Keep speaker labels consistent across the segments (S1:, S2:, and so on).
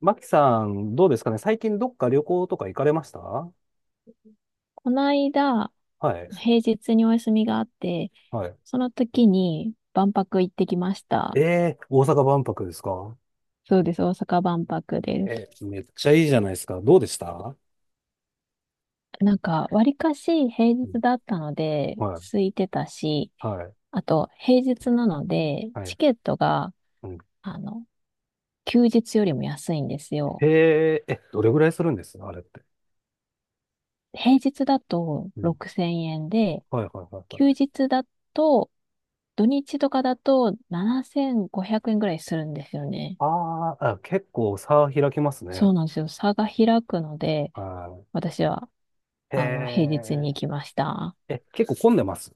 S1: マキさん、どうですかね、最近どっか旅行とか行かれました？は
S2: この間、
S1: い。
S2: 平日にお休みがあって、
S1: はい。
S2: その時に万博行ってきまし
S1: え
S2: た。
S1: えー、大阪万博ですか？
S2: そうです、大阪万博で
S1: え
S2: す。
S1: ー、めっちゃいいじゃないですか。どうでした？
S2: わりかし平
S1: う
S2: 日
S1: ん。
S2: だったので、
S1: はい。
S2: 空いてたし、
S1: はい。
S2: あと、平日なので、
S1: は
S2: チ
S1: い。
S2: ケットが、
S1: うん。
S2: あの、休日よりも安いんです
S1: へ
S2: よ。
S1: え、え、どれぐらいするんです、あれって。
S2: 平日だと
S1: うん。
S2: 6000円で、
S1: はいはいはいは
S2: 休
S1: い。
S2: 日だと、土日とかだと7500円ぐらいするんですよね。
S1: あーあ、結構差開きます
S2: そ
S1: ね。
S2: うなんですよ。差が開くので、
S1: は
S2: 私は、
S1: い。
S2: 平
S1: へ
S2: 日に行きました。
S1: え、え、結構混んでます？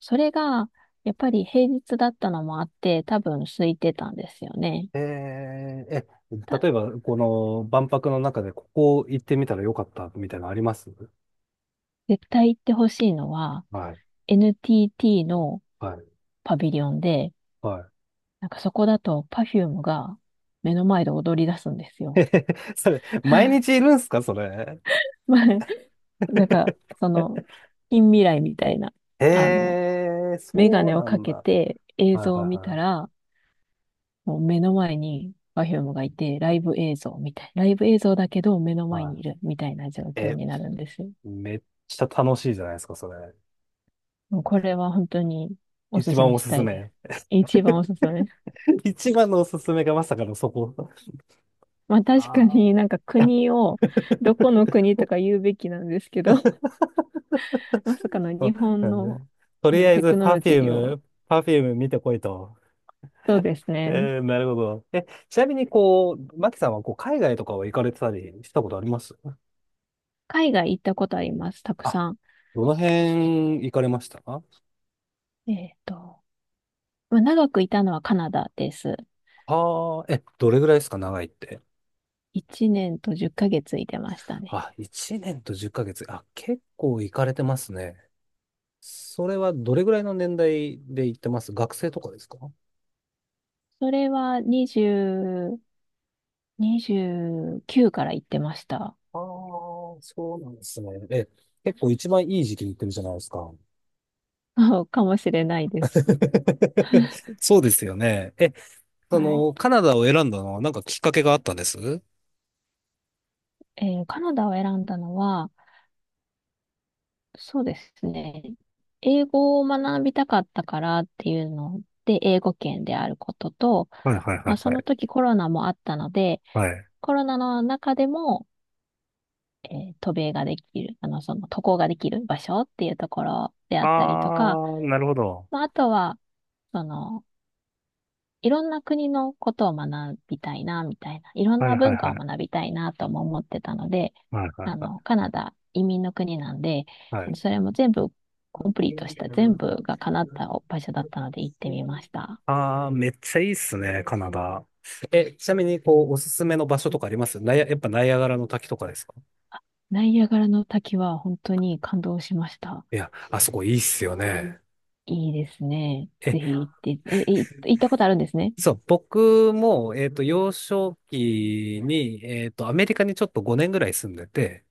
S2: それが、やっぱり平日だったのもあって、多分空いてたんですよね。
S1: ええ、え、
S2: た、
S1: 例えば、この万博の中でここ行ってみたらよかったみたいなのあります？
S2: 絶対行ってほしいのは、
S1: はい。
S2: NTT の
S1: はい
S2: パビリオンで、
S1: は
S2: そこだと Perfume が目の前で踊り出すんです
S1: い。
S2: よ。
S1: それ、毎 日いるんすか、それ。
S2: まあ、なんか、その、近未来みたいな、
S1: え
S2: あの、
S1: えー、
S2: メガ
S1: そう
S2: ネを
S1: な
S2: か
S1: ん
S2: け
S1: だ。
S2: て映
S1: はい
S2: 像を見た
S1: はい
S2: ら、もう目の前に Perfume がいて、ライブ映像みたい。ライブ映像だけど目の前
S1: はい。
S2: にい
S1: は
S2: るみたいな状
S1: い。
S2: 況
S1: え、
S2: になるんですよ。
S1: めっちゃ楽しいじゃないですか、それ。
S2: もうこれは本当にお
S1: 一
S2: すす
S1: 番
S2: め
S1: お
S2: し
S1: す
S2: た
S1: す
S2: いで
S1: め。
S2: す。一番おすすめ。
S1: 一番のおすすめがまさかのそこ。
S2: まあ確か
S1: あ
S2: に
S1: あ。
S2: 国を、どこの 国とか言うべきなんですけど、まさかの
S1: そう
S2: 日
S1: な
S2: 本
S1: んだね。
S2: の、
S1: と
S2: あ
S1: り
S2: の
S1: あえ
S2: テ
S1: ず、
S2: クノ
S1: パ
S2: ロ
S1: フ
S2: ジ
S1: ュー
S2: ーを、
S1: ム、パフューム見てこいと。
S2: そうですね。
S1: えー、なるほど。え、ちなみに、こう、マキさんは、こう、海外とかは行かれてたりしたことあります？
S2: 海外行ったことあります、たく
S1: あ、
S2: さん。
S1: どの辺行かれました？
S2: えっと、まあ長くいたのはカナダです。
S1: はあ、え、どれぐらいですか、長いって。
S2: 1年と10ヶ月いてましたね。
S1: あ、1年と10ヶ月。あ、結構行かれてますね。それはどれぐらいの年代で行ってます？学生とかですか？
S2: それは20、29から言ってました。
S1: ああー、そうなんですね。え、結構一番いい時期に行ってるじゃないですか。
S2: かもしれないです。
S1: そうですよね。え、そ
S2: はい。
S1: の、カナダを選んだのはなんかきっかけがあったんです？はい。
S2: カナダを選んだのは、そうですね。英語を学びたかったからっていうので、英語圏であることと、
S1: はいはいは
S2: まあ、その
S1: い。
S2: 時コロナもあったので、
S1: はい。
S2: コロナの中でも、渡航ができる場所っていうところであったりとか、
S1: ああ、なるほど。
S2: まあ、あとは、その、いろんな国のことを学びたいな、みたいな。いろん
S1: はい
S2: な
S1: はい
S2: 文
S1: は
S2: 化を学
S1: い。
S2: びたいな、とも思ってたので、
S1: はいはいは
S2: カナダ移民の国なんで、
S1: い。はい。
S2: それも全部コンプリートした、全部が叶った場所だったので行ってみました。
S1: ああ、めっちゃいいっすね、カナダ。え、ちなみに、こう、おすすめの場所とかあります？ナイア、やっぱナイアガラの滝とかですか？
S2: ナイアガラの滝は本当に感動しました。
S1: いや、あそこいいっすよね。
S2: いいですね。
S1: え、
S2: ぜひ行って、行ったことあるんですね。
S1: そう、僕も、幼少期に、アメリカにちょっと5年ぐらい住んでて、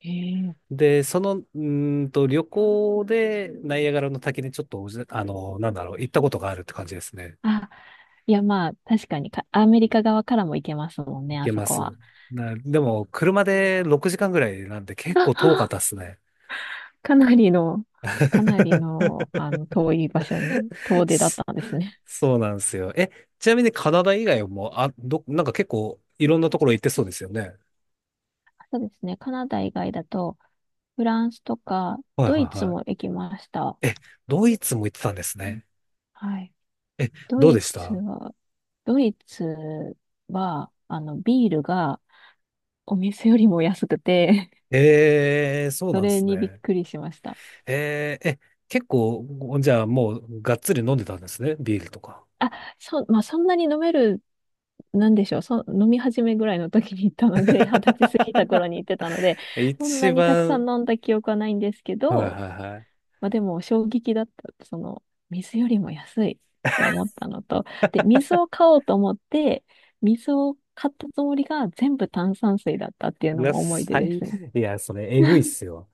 S2: へえ。
S1: で、その、旅行でナイアガラの滝にちょっとなんだろう、行ったことがあるって感じですね。
S2: あ、いやまあ、確かにアメリカ側からも行けますもんね、あ
S1: け
S2: そ
S1: ま
S2: こ
S1: す。
S2: は。
S1: でも、車で6時間ぐらいなんて結構遠かったっ
S2: あ
S1: すね。
S2: かなりの、遠い場所に遠出だっ
S1: そ
S2: たんですね。
S1: そうなんですよ。え、ちなみにカナダ以外も、あ、なんか結構いろんなところ行ってそうですよね。
S2: そうですね。カナダ以外だと、フランスとか、
S1: はい
S2: ド
S1: は
S2: イ
S1: い
S2: ツ
S1: は
S2: も
S1: い。
S2: 行きました。
S1: え、ドイツも行ってたんですね。
S2: はい。
S1: え、
S2: ド
S1: どうで
S2: イ
S1: し
S2: ツ
S1: た？
S2: は、ドイツは、ビールがお店よりも安くて、
S1: えー、そ う
S2: そ
S1: なんで
S2: れ
S1: す
S2: にびっ
S1: ね。
S2: くりしました。
S1: えー、え、結構、じゃあもうがっつり飲んでたんですね。ビールとか。
S2: あ、そう、まあ、そんなに飲める、なんでしょう、そ、飲み始めぐらいの時に行ったので、二十歳過ぎた頃に 行ってたので、そん
S1: 一
S2: なにたくさ
S1: 番、
S2: ん飲んだ記憶はないんですけ
S1: はい
S2: ど、
S1: はいはい。
S2: まあでも衝撃だった。水よりも安いって思ったのと、で、水を買おうと思って、水を買ったつもりが全部炭酸水だったっていう
S1: う
S2: の
S1: わ、
S2: も思い出ですね。
S1: いや、それ、えぐいっすよ。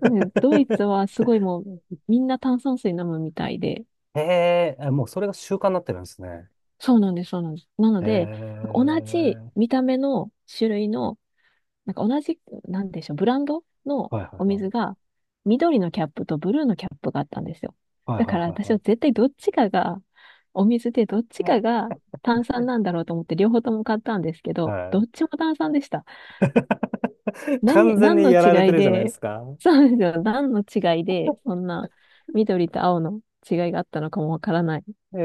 S2: うん、ドイ ツはすごいもうみんな炭酸水飲むみたいで、
S1: へえ、あ、もうそれが習慣になってるんですね。
S2: そうなんです、そうなんです。なの
S1: へ
S2: で、
S1: え、
S2: 同じ見た目の種類の同じ、なんでしょう、ブランドの
S1: はいは
S2: お
S1: いはい。
S2: 水が緑のキャップとブルーのキャップがあったんですよ。
S1: はい
S2: だから私は
S1: は
S2: 絶対どっちかが、お水でどっ
S1: い
S2: ち
S1: はいは
S2: か
S1: い。
S2: が炭酸なんだろうと思って両方とも買ったんですけど、
S1: は
S2: ど
S1: い。
S2: っちも炭酸でした。
S1: 完全
S2: 何
S1: に
S2: の
S1: やられ
S2: 違
S1: て
S2: い
S1: るじゃないで
S2: で、
S1: すか。
S2: そうですよ、何の違いで、そんな緑と青の違いがあったのかもわからない。
S1: へ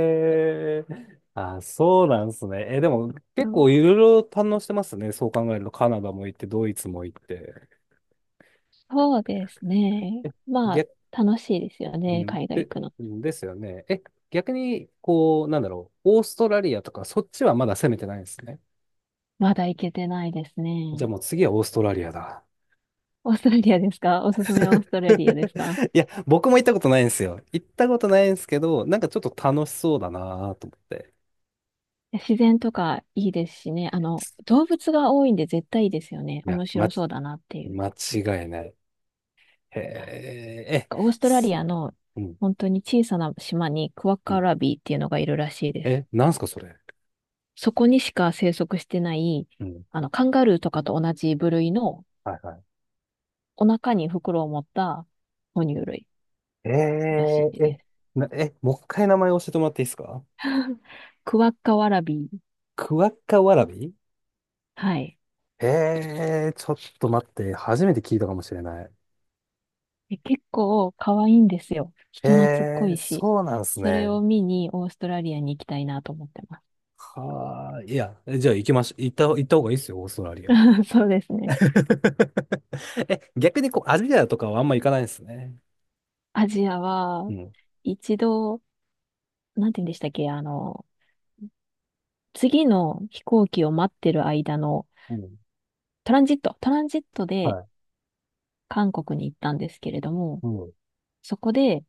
S1: え、あ、そうなんですね。え、でも
S2: う
S1: 結
S2: ん、
S1: 構いろいろ堪能してますね。そう考えると、カナダも行って、ドイツも行って。
S2: そうですね。まあ、
S1: 逆、
S2: 楽しいですよ
S1: う
S2: ね、
S1: ん、
S2: 海外行
S1: で、
S2: くの。
S1: ですよね。え、逆に、こう、なんだろう、オーストラリアとか、そっちはまだ攻めてないんですね。
S2: まだ行けてないです
S1: じ
S2: ね。
S1: ゃあもう次はオーストラリアだ。
S2: オーストラリアですか？おすすめはオーストラリアですか？
S1: いや、僕も行ったことないんですよ。行ったことないんですけど、なんかちょっと楽しそうだなと思って。
S2: いや、自然とかいいですしね。動物が多いんで絶対いいですよね。
S1: いや、
S2: 面
S1: ま、
S2: 白そうだなっていう。
S1: 間違いない。へえ、え、
S2: オーストラリ
S1: す
S2: アの
S1: うん、
S2: 本当に小さな島にクワッ
S1: う
S2: カ
S1: ん。
S2: ラビーっていうのがいるらしいです。
S1: え、なんすか、それ。
S2: そこにしか生息してない、
S1: うん。
S2: カンガルーとかと同じ部類の
S1: はいは
S2: お腹に袋を持った哺乳類
S1: い。
S2: らし
S1: え
S2: い
S1: ー、え、
S2: です。
S1: え、もう一回名前教えてもらっていいですか？
S2: クワッカワラビー。
S1: クワッカワラビ。
S2: はい。
S1: えー、ちょっと待って、初めて聞いたかもしれない。
S2: 結構可愛いんですよ。人懐っ
S1: え
S2: こ
S1: ー、
S2: いし。
S1: そうなんす
S2: それ
S1: ね。
S2: を見にオーストラリアに行きたいなと思ってま
S1: はあ、いや、じゃあ行きましょう。行った方がいいですよ、オーストラリア。
S2: す。そうですね。
S1: え、逆にこう、アジアとかはあんま行かないんですね。
S2: アジア
S1: う
S2: は、
S1: ん。
S2: 一度、なんて言うんでしたっけ、次の飛行機を待ってる間の
S1: うん。
S2: トランジットで
S1: はい。
S2: 韓国に行ったんですけれども、
S1: うん。
S2: そこで、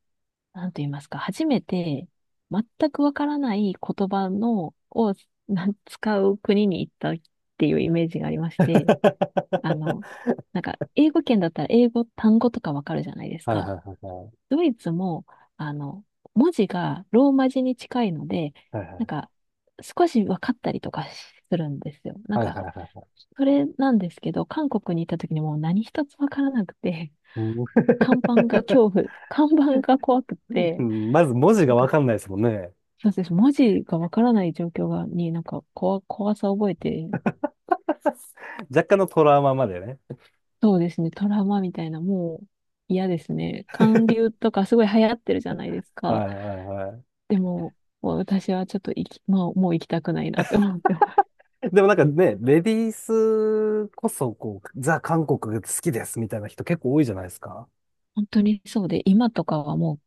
S2: なんと言いますか、初めて全くわからない言葉を使う国に行ったっていうイメージがありまし て、あ
S1: は
S2: の、英語圏だったら英語単語とかわかるじゃないです
S1: いはいは
S2: か。
S1: いはい。
S2: ドイツも、あの、文字がローマ字に近いので、
S1: はいは
S2: なん
S1: い。
S2: か、少し分かったりとかするんですよ。
S1: はいはいはいはい。
S2: それなんですけど、韓国に行った時にもう何一つ分からなくて、
S1: うんうん。
S2: 看板が怖く て、
S1: まず文字
S2: な
S1: が
S2: んか、
S1: わかんないですもんね。
S2: そうです。文字が分からない状況が、に怖さを覚えて、
S1: 若干のトラウマまでね。
S2: そうですね。トラウマみたいな、もう嫌ですね。韓流とかすごい流行ってるじゃないですか。
S1: はいはいは
S2: でも、もう私はちょっと行き、まあ、もう行きたくないなって思ってます。
S1: い。でもなんかね、レディースこそ、こう、ザ・韓国が好きですみたいな人結構多いじゃないですか。
S2: 本当にそうで、今とかはもう、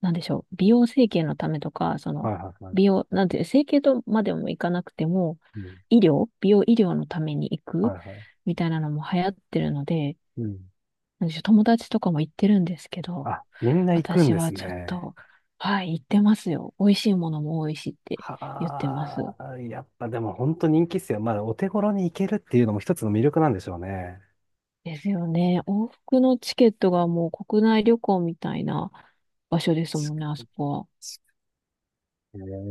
S2: なんでしょう、美容整形のためとか、
S1: はいはいはい。
S2: なんて整形とまでもいかなくても、
S1: うん。
S2: 医療、美容医療のために行
S1: は
S2: く
S1: いはい。
S2: みたいなのも流行ってるので、
S1: うん。
S2: なんでしょう、友達とかも行ってるんですけど、
S1: あ、みんな行くん
S2: 私
S1: で
S2: は
S1: す
S2: ちょっ
S1: ね。
S2: と、はい、言ってますよ。美味しいものも多いしって言ってます。
S1: はあ、やっぱでも本当人気っすよ。まあ、お手頃に行けるっていうのも一つの魅力なんでしょうね。
S2: ですよね。往復のチケットがもう国内旅行みたいな場所です
S1: 確
S2: もんね、あ
S1: か
S2: そこは。
S1: に確かに、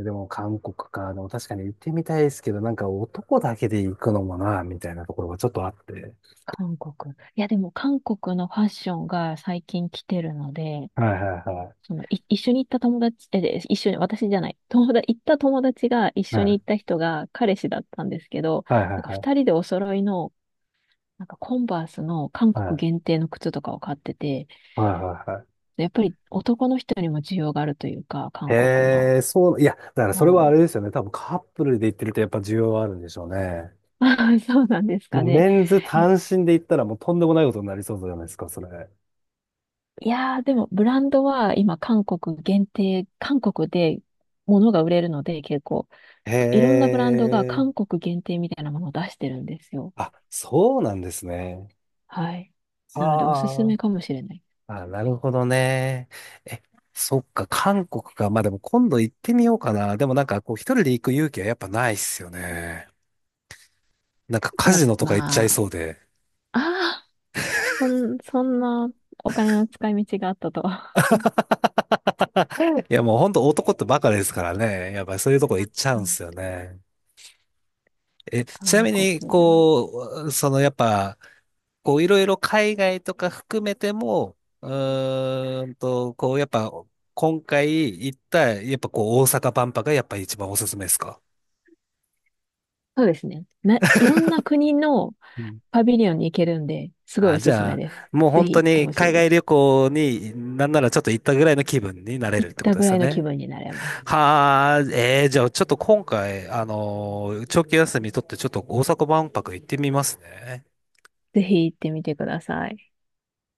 S1: えー、でも韓国か。でも確かに行ってみたいですけど、なんか男だけで行くのもな、みたいなところがちょっとあって。
S2: 韓国。いや、でも韓国のファッションが最近来てるので、
S1: はいはいはい。
S2: 一緒に行った友達、で一緒に、私じゃない、友達、行った友達が一
S1: は
S2: 緒
S1: い
S2: に行った人が彼氏だったんですけど、
S1: はいはいは
S2: 二
S1: い。
S2: 人でお揃いの、コンバースの韓国
S1: は
S2: 限定の靴とかを買ってて、
S1: いはいはい。
S2: やっぱり男の人にも需要があるというか、韓国の
S1: へえ、そう、いや、だからそ
S2: も
S1: れは
S2: の
S1: あれ
S2: は。
S1: ですよね。多分カップルで行ってるとやっぱ需要はあるんでしょうね。
S2: そうなんです
S1: も
S2: か
S1: う
S2: ね。
S1: メンズ
S2: え、
S1: 単身で行ったらもうとんでもないことになりそうじゃないですか、それ。
S2: いやー、でもブランドは今韓国限定、韓国で物が売れるので結構、
S1: へ
S2: いろんなブランドが
S1: え。
S2: 韓国限定みたいなものを出してるんですよ。
S1: あ、そうなんですね。
S2: はい。なのでおすす
S1: あ
S2: め
S1: あ。
S2: かもしれない。
S1: あ、なるほどね。え、そっか、韓国か。まあでも今度行ってみようかな。でもなんかこう一人で行く勇気はやっぱないっすよね。なんか
S2: い
S1: カ
S2: や、
S1: ジノとか行っちゃい
S2: まあ、
S1: そうで。
S2: ああ、そんなお金の使い道があったとは。
S1: いやもうほんと男ってバカですからね。やっぱそういうとこ行っちゃ
S2: う
S1: うん
S2: ん、
S1: すよね。え、ちな
S2: 韓
S1: み
S2: 国
S1: に、
S2: でも。
S1: こう、そのやっぱ、こう、いろいろ海外とか含めても、こう、やっぱ、今回行った、やっぱこう、大阪万博がやっぱ一番おすすめですか？
S2: そうですね。いろんな国の
S1: うん。
S2: パビリオンに行けるんで、すごいお
S1: あ、じ
S2: すすめ
S1: ゃ
S2: です。
S1: あ、もう
S2: ぜ
S1: 本当
S2: ひ行って
S1: に
S2: ほしい
S1: 海
S2: で
S1: 外
S2: す。
S1: 旅行になんならちょっと行ったぐらいの気分になれる
S2: 行っ
S1: ってこ
S2: た
S1: とで
S2: ぐ
S1: す
S2: ら
S1: よ
S2: いの気
S1: ね。
S2: 分になれます。
S1: はあ、えー、じゃあちょっと今回、長期休み取ってちょっと大阪万博行ってみますね。
S2: ぜひ行ってみてください。